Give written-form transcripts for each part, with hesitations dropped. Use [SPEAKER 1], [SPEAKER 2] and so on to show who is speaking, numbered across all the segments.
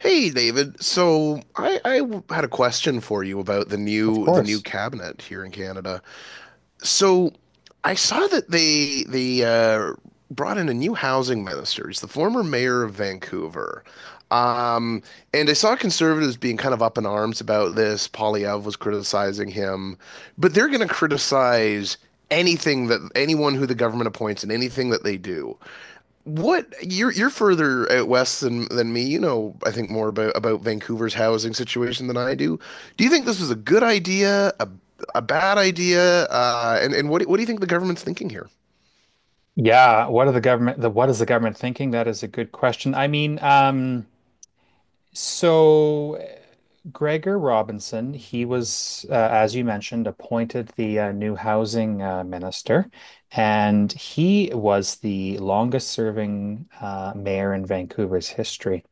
[SPEAKER 1] Hey David, had a question for you about
[SPEAKER 2] Of
[SPEAKER 1] the new
[SPEAKER 2] course.
[SPEAKER 1] cabinet here in Canada. So I saw that they brought in a new housing minister. He's the former mayor of Vancouver, um, and I saw conservatives being kind of up in arms about this. Polyev was criticizing him, but they're going to criticize anything that anyone who the government appoints and anything that they do. What you're further out west than me. You know, I think more about Vancouver's housing situation than I do. Do you think this was a good idea, a bad idea, and what do you think the government's thinking here?
[SPEAKER 2] Yeah. What is the government thinking? That is a good question. So uh, Gregor Robinson, he was, as you mentioned, appointed the new housing minister, and he was the longest serving mayor in Vancouver's history.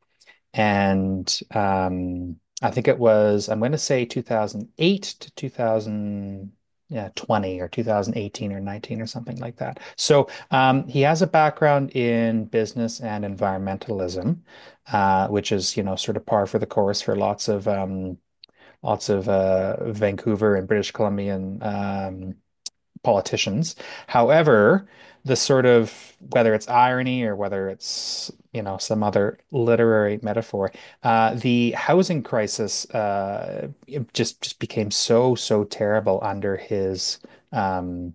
[SPEAKER 2] And I think it was, I'm going to say 2008 to 2000, yeah, 20 or 2018 or 19 or something like that. So he has a background in business and environmentalism, which is, you know, sort of par for the course for lots of Vancouver and British Columbian politicians. However, the sort of, whether it's irony or whether it's, you know, some other literary metaphor, the housing crisis, it just became so terrible um,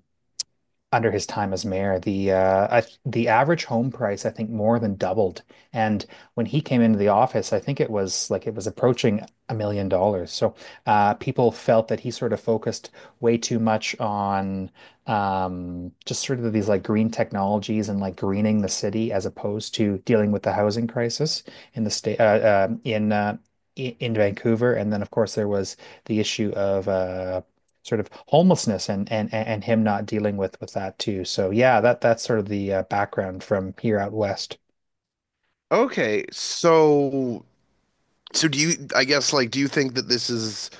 [SPEAKER 2] under his time as mayor. The average home price I think more than doubled. And when he came into the office, I think it was like it was approaching $1 million. So people felt that he sort of focused way too much on just sort of these like green technologies and like greening the city, as opposed to dealing with the housing crisis in the state uh, um in uh, in Vancouver. And then of course there was the issue of sort of homelessness and him not dealing with that too. So yeah, that that's sort of the background from here out west.
[SPEAKER 1] Okay, so So do you, I guess, like, do you think that this is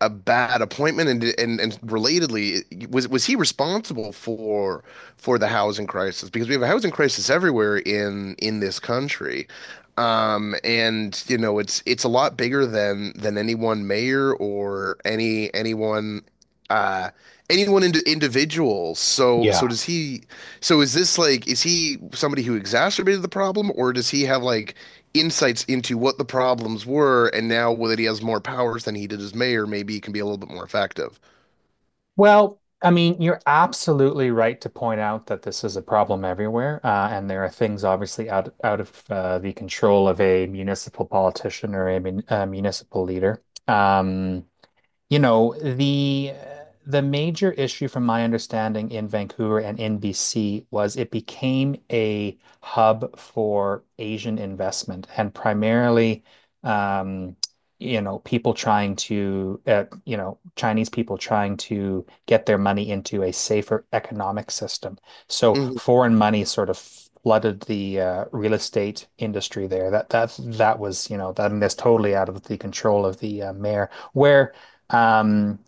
[SPEAKER 1] a bad appointment? And relatedly, was he responsible for the housing crisis? Because we have a housing crisis everywhere in this country. And you know, it's a lot bigger than any one mayor or anyone uh anyone into individual. So so
[SPEAKER 2] Yeah.
[SPEAKER 1] does he is this like is he somebody who exacerbated the problem or does he have like insights into what the problems were, and now that he has more powers than he did as mayor, maybe he can be a little bit more effective.
[SPEAKER 2] Well, I mean, you're absolutely right to point out that this is a problem everywhere, and there are things obviously out of the control of a municipal politician or a municipal leader. You know, the major issue from my understanding in Vancouver and in BC was it became a hub for Asian investment and primarily, um, you know, people trying to, you know, Chinese people trying to get their money into a safer economic system. So
[SPEAKER 1] Mm-hmm.
[SPEAKER 2] foreign money sort of flooded the real estate industry there. That was, you know, that, and that's totally out of the control of the mayor. Where um,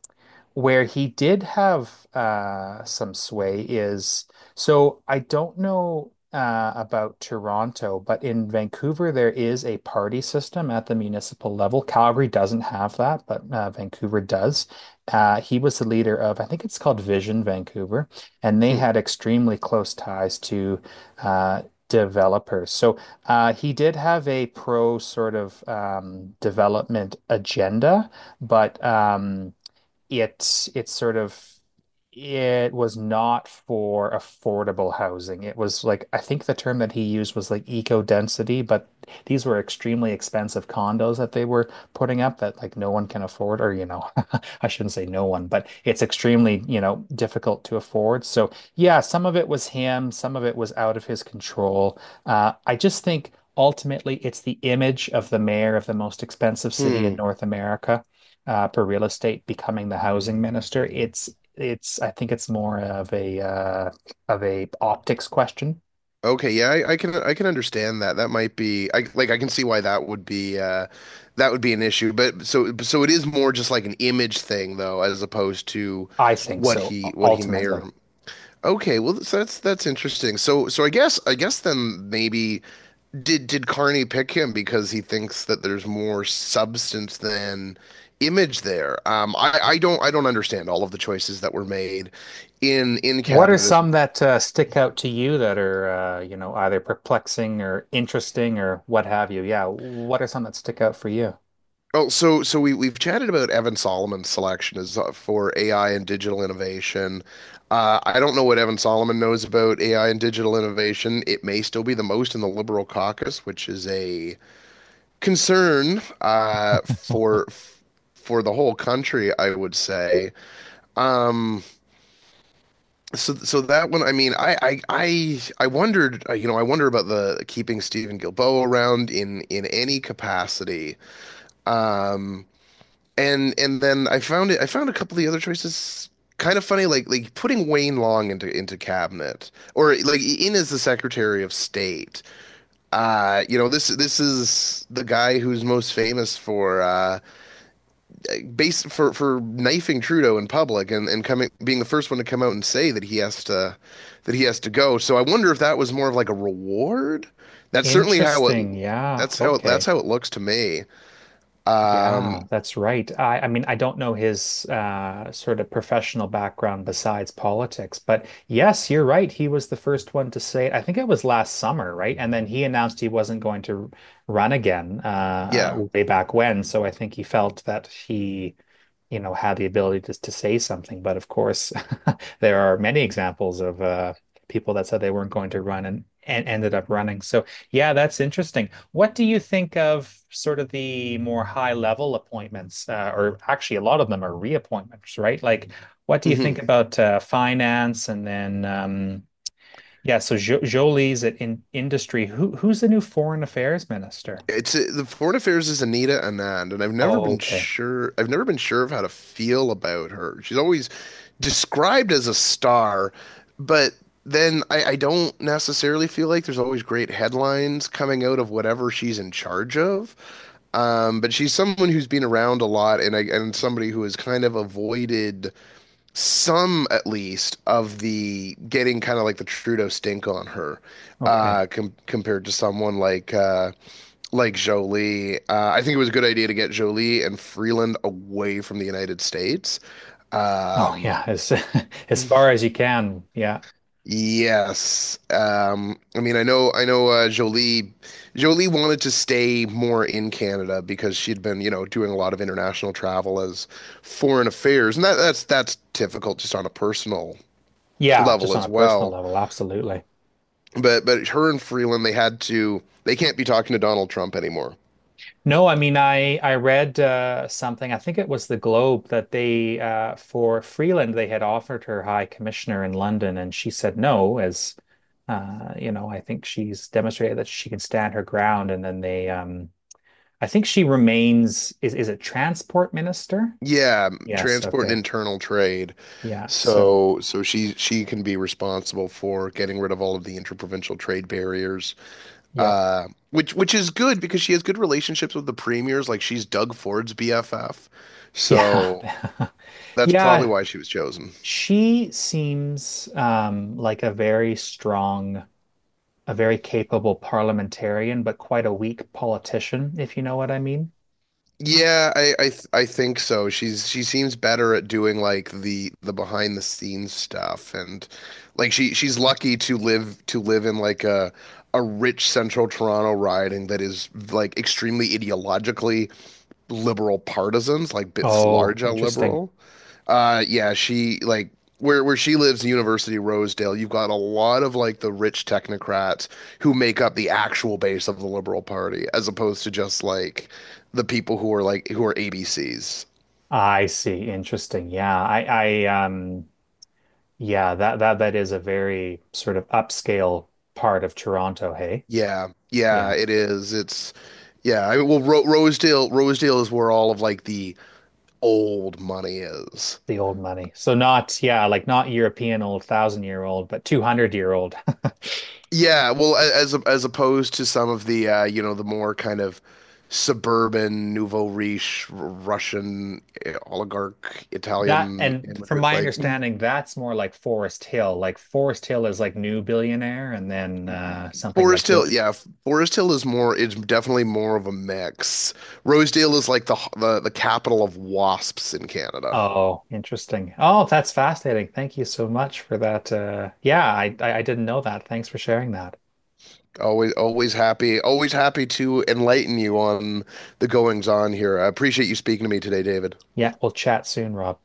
[SPEAKER 2] where he did have some sway is, so I don't know about Toronto, but in Vancouver there is a party system at the municipal level. Calgary doesn't have that, but Vancouver does. He was the leader of, I think it's called, Vision Vancouver, and they had extremely close ties to uh, developers. So he did have a pro sort of development agenda, but it's sort of, it was not for affordable housing. It was like, I think the term that he used was like eco density, but these were extremely expensive condos that they were putting up that like no one can afford, or you know, I shouldn't say no one, but it's extremely, you know, difficult to afford. So yeah, some of it was him, some of it was out of his control. I just think ultimately it's the image of the mayor of the most expensive city in
[SPEAKER 1] Hmm.
[SPEAKER 2] North America, for real estate, becoming the housing minister. It's I think it's more of a optics question.
[SPEAKER 1] Okay, yeah, I can understand that. That might be I like I can see why that would be an issue. But so it is more just like an image thing though, as opposed to
[SPEAKER 2] I think so,
[SPEAKER 1] what he may or
[SPEAKER 2] ultimately.
[SPEAKER 1] okay, well that's interesting. So I guess then maybe did Carney pick him because he thinks that there's more substance than image there? I don't understand all of the choices that were made in
[SPEAKER 2] What are
[SPEAKER 1] cabinet as
[SPEAKER 2] some that stick out to you that are, you know, either perplexing or interesting or what have you? Yeah, what are some that stick out for you?
[SPEAKER 1] oh so we've chatted about Evan Solomon's selection as for AI and digital innovation. I don't know what Evan Solomon knows about AI and digital innovation. It may still be the most in the Liberal caucus, which is a concern for the whole country, I would say. Mm, So, so that one, I mean, I wondered, you know, I wonder about the keeping Stephen Gilboa around in any capacity. Mm. And then I found it. I found a couple of the other choices kind of funny, like putting Wayne Long into cabinet or like in as the Secretary of State. You know, this is the guy who's most famous for base for knifing Trudeau in public and coming being the first one to come out and say that he has to go. So I wonder if that was more of like a reward. That's certainly how it.
[SPEAKER 2] Interesting. Yeah.
[SPEAKER 1] That's
[SPEAKER 2] Okay.
[SPEAKER 1] how it looks to me. Um,
[SPEAKER 2] Yeah, that's right. I mean, I don't know his sort of professional background besides politics, but yes, you're right. He was the first one to say it. I think it was last summer, right? And then he announced he wasn't going to run again,
[SPEAKER 1] yeah.
[SPEAKER 2] way back when. So I think he felt that he, you know, had the ability to say something. But of course, there are many examples of people that said they weren't going to run and ended up running. So yeah, that's interesting. What do you think of sort of the more high level appointments, or actually a lot of them are reappointments, right? Like, what do you think
[SPEAKER 1] Hmm.
[SPEAKER 2] about finance? And then, yeah, so jo Jolie's at in industry. Who's the new foreign affairs minister?
[SPEAKER 1] It's the Foreign Affairs is Anita Anand, and
[SPEAKER 2] Oh, okay,
[SPEAKER 1] I've never been sure of how to feel about her. She's always described as a star, but then I don't necessarily feel like there's always great headlines coming out of whatever she's in charge of. But she's someone who's been around a lot, and and somebody who has kind of avoided some, at least, of the getting kind of like the Trudeau stink on her,
[SPEAKER 2] okay.
[SPEAKER 1] compared to someone like. Like Jolie. I think it was a good idea to get Jolie and Freeland away from the United States.
[SPEAKER 2] Oh, yeah,
[SPEAKER 1] Um,
[SPEAKER 2] as as far as you can. Yeah,
[SPEAKER 1] yes. I mean, I know, Jolie wanted to stay more in Canada because she'd been, you know, doing a lot of international travel as foreign affairs, and that's difficult just on a personal
[SPEAKER 2] yeah,
[SPEAKER 1] level
[SPEAKER 2] just on
[SPEAKER 1] as
[SPEAKER 2] a personal
[SPEAKER 1] well.
[SPEAKER 2] level, absolutely.
[SPEAKER 1] But her and Freeland, they can't be talking to Donald Trump anymore.
[SPEAKER 2] No, I mean, I read something. I think it was the Globe that they, for Freeland, they had offered her High Commissioner in London, and she said no. As you know, I think she's demonstrated that she can stand her ground. And then they, I think she remains. Is it Transport Minister?
[SPEAKER 1] Yeah,
[SPEAKER 2] Yes.
[SPEAKER 1] transport and
[SPEAKER 2] Okay.
[SPEAKER 1] internal trade.
[SPEAKER 2] Yeah. So
[SPEAKER 1] So she can be responsible for getting rid of all of the interprovincial trade barriers.
[SPEAKER 2] yeah,
[SPEAKER 1] Which is good because she has good relationships with the premiers, like she's Doug Ford's BFF. So
[SPEAKER 2] yeah,
[SPEAKER 1] that's probably
[SPEAKER 2] yeah.
[SPEAKER 1] why she was chosen.
[SPEAKER 2] She seems like a very strong, a very capable parliamentarian, but quite a weak politician, if you know what I mean.
[SPEAKER 1] Yeah, I think so. She seems better at doing like the behind the scenes stuff, and like she's lucky to live in like a rich central Toronto riding that is like extremely ideologically liberal partisans, like bits
[SPEAKER 2] Oh,
[SPEAKER 1] large L
[SPEAKER 2] interesting.
[SPEAKER 1] liberal. Yeah, she like where she lives, University of Rosedale. You've got a lot of like the rich technocrats who make up the actual base of the Liberal Party, as opposed to just like the people who are like who are ABCs.
[SPEAKER 2] I see. Interesting. Yeah. Yeah, that, that, that is a very sort of upscale part of Toronto. Hey,
[SPEAKER 1] Yeah, yeah,
[SPEAKER 2] yeah,
[SPEAKER 1] it is. It's Yeah. I mean, well, Ro Rosedale Rosedale is where all of like the old money is.
[SPEAKER 2] the old money. So not, yeah, like not European old, thousand year old, but 200-year-old.
[SPEAKER 1] Yeah, well, as opposed to some of the you know, the more kind of suburban nouveau riche Russian eh, oligarch
[SPEAKER 2] That,
[SPEAKER 1] Italian
[SPEAKER 2] and from
[SPEAKER 1] immigrant
[SPEAKER 2] my
[SPEAKER 1] like mm,
[SPEAKER 2] understanding, that's more like Forest Hill. Like Forest Hill is like new billionaire, and then something like
[SPEAKER 1] Forest Hill,
[SPEAKER 2] Bro—
[SPEAKER 1] yeah, Forest Hill is more it's definitely more of a mix. Rosedale is like the capital of wasps in Canada.
[SPEAKER 2] Oh, interesting. Oh, that's fascinating. Thank you so much for that. Yeah, I I didn't know that. Thanks for sharing that.
[SPEAKER 1] Always happy to enlighten you on the goings on here. I appreciate you speaking to me today, David.
[SPEAKER 2] Yeah, we'll chat soon, Rob.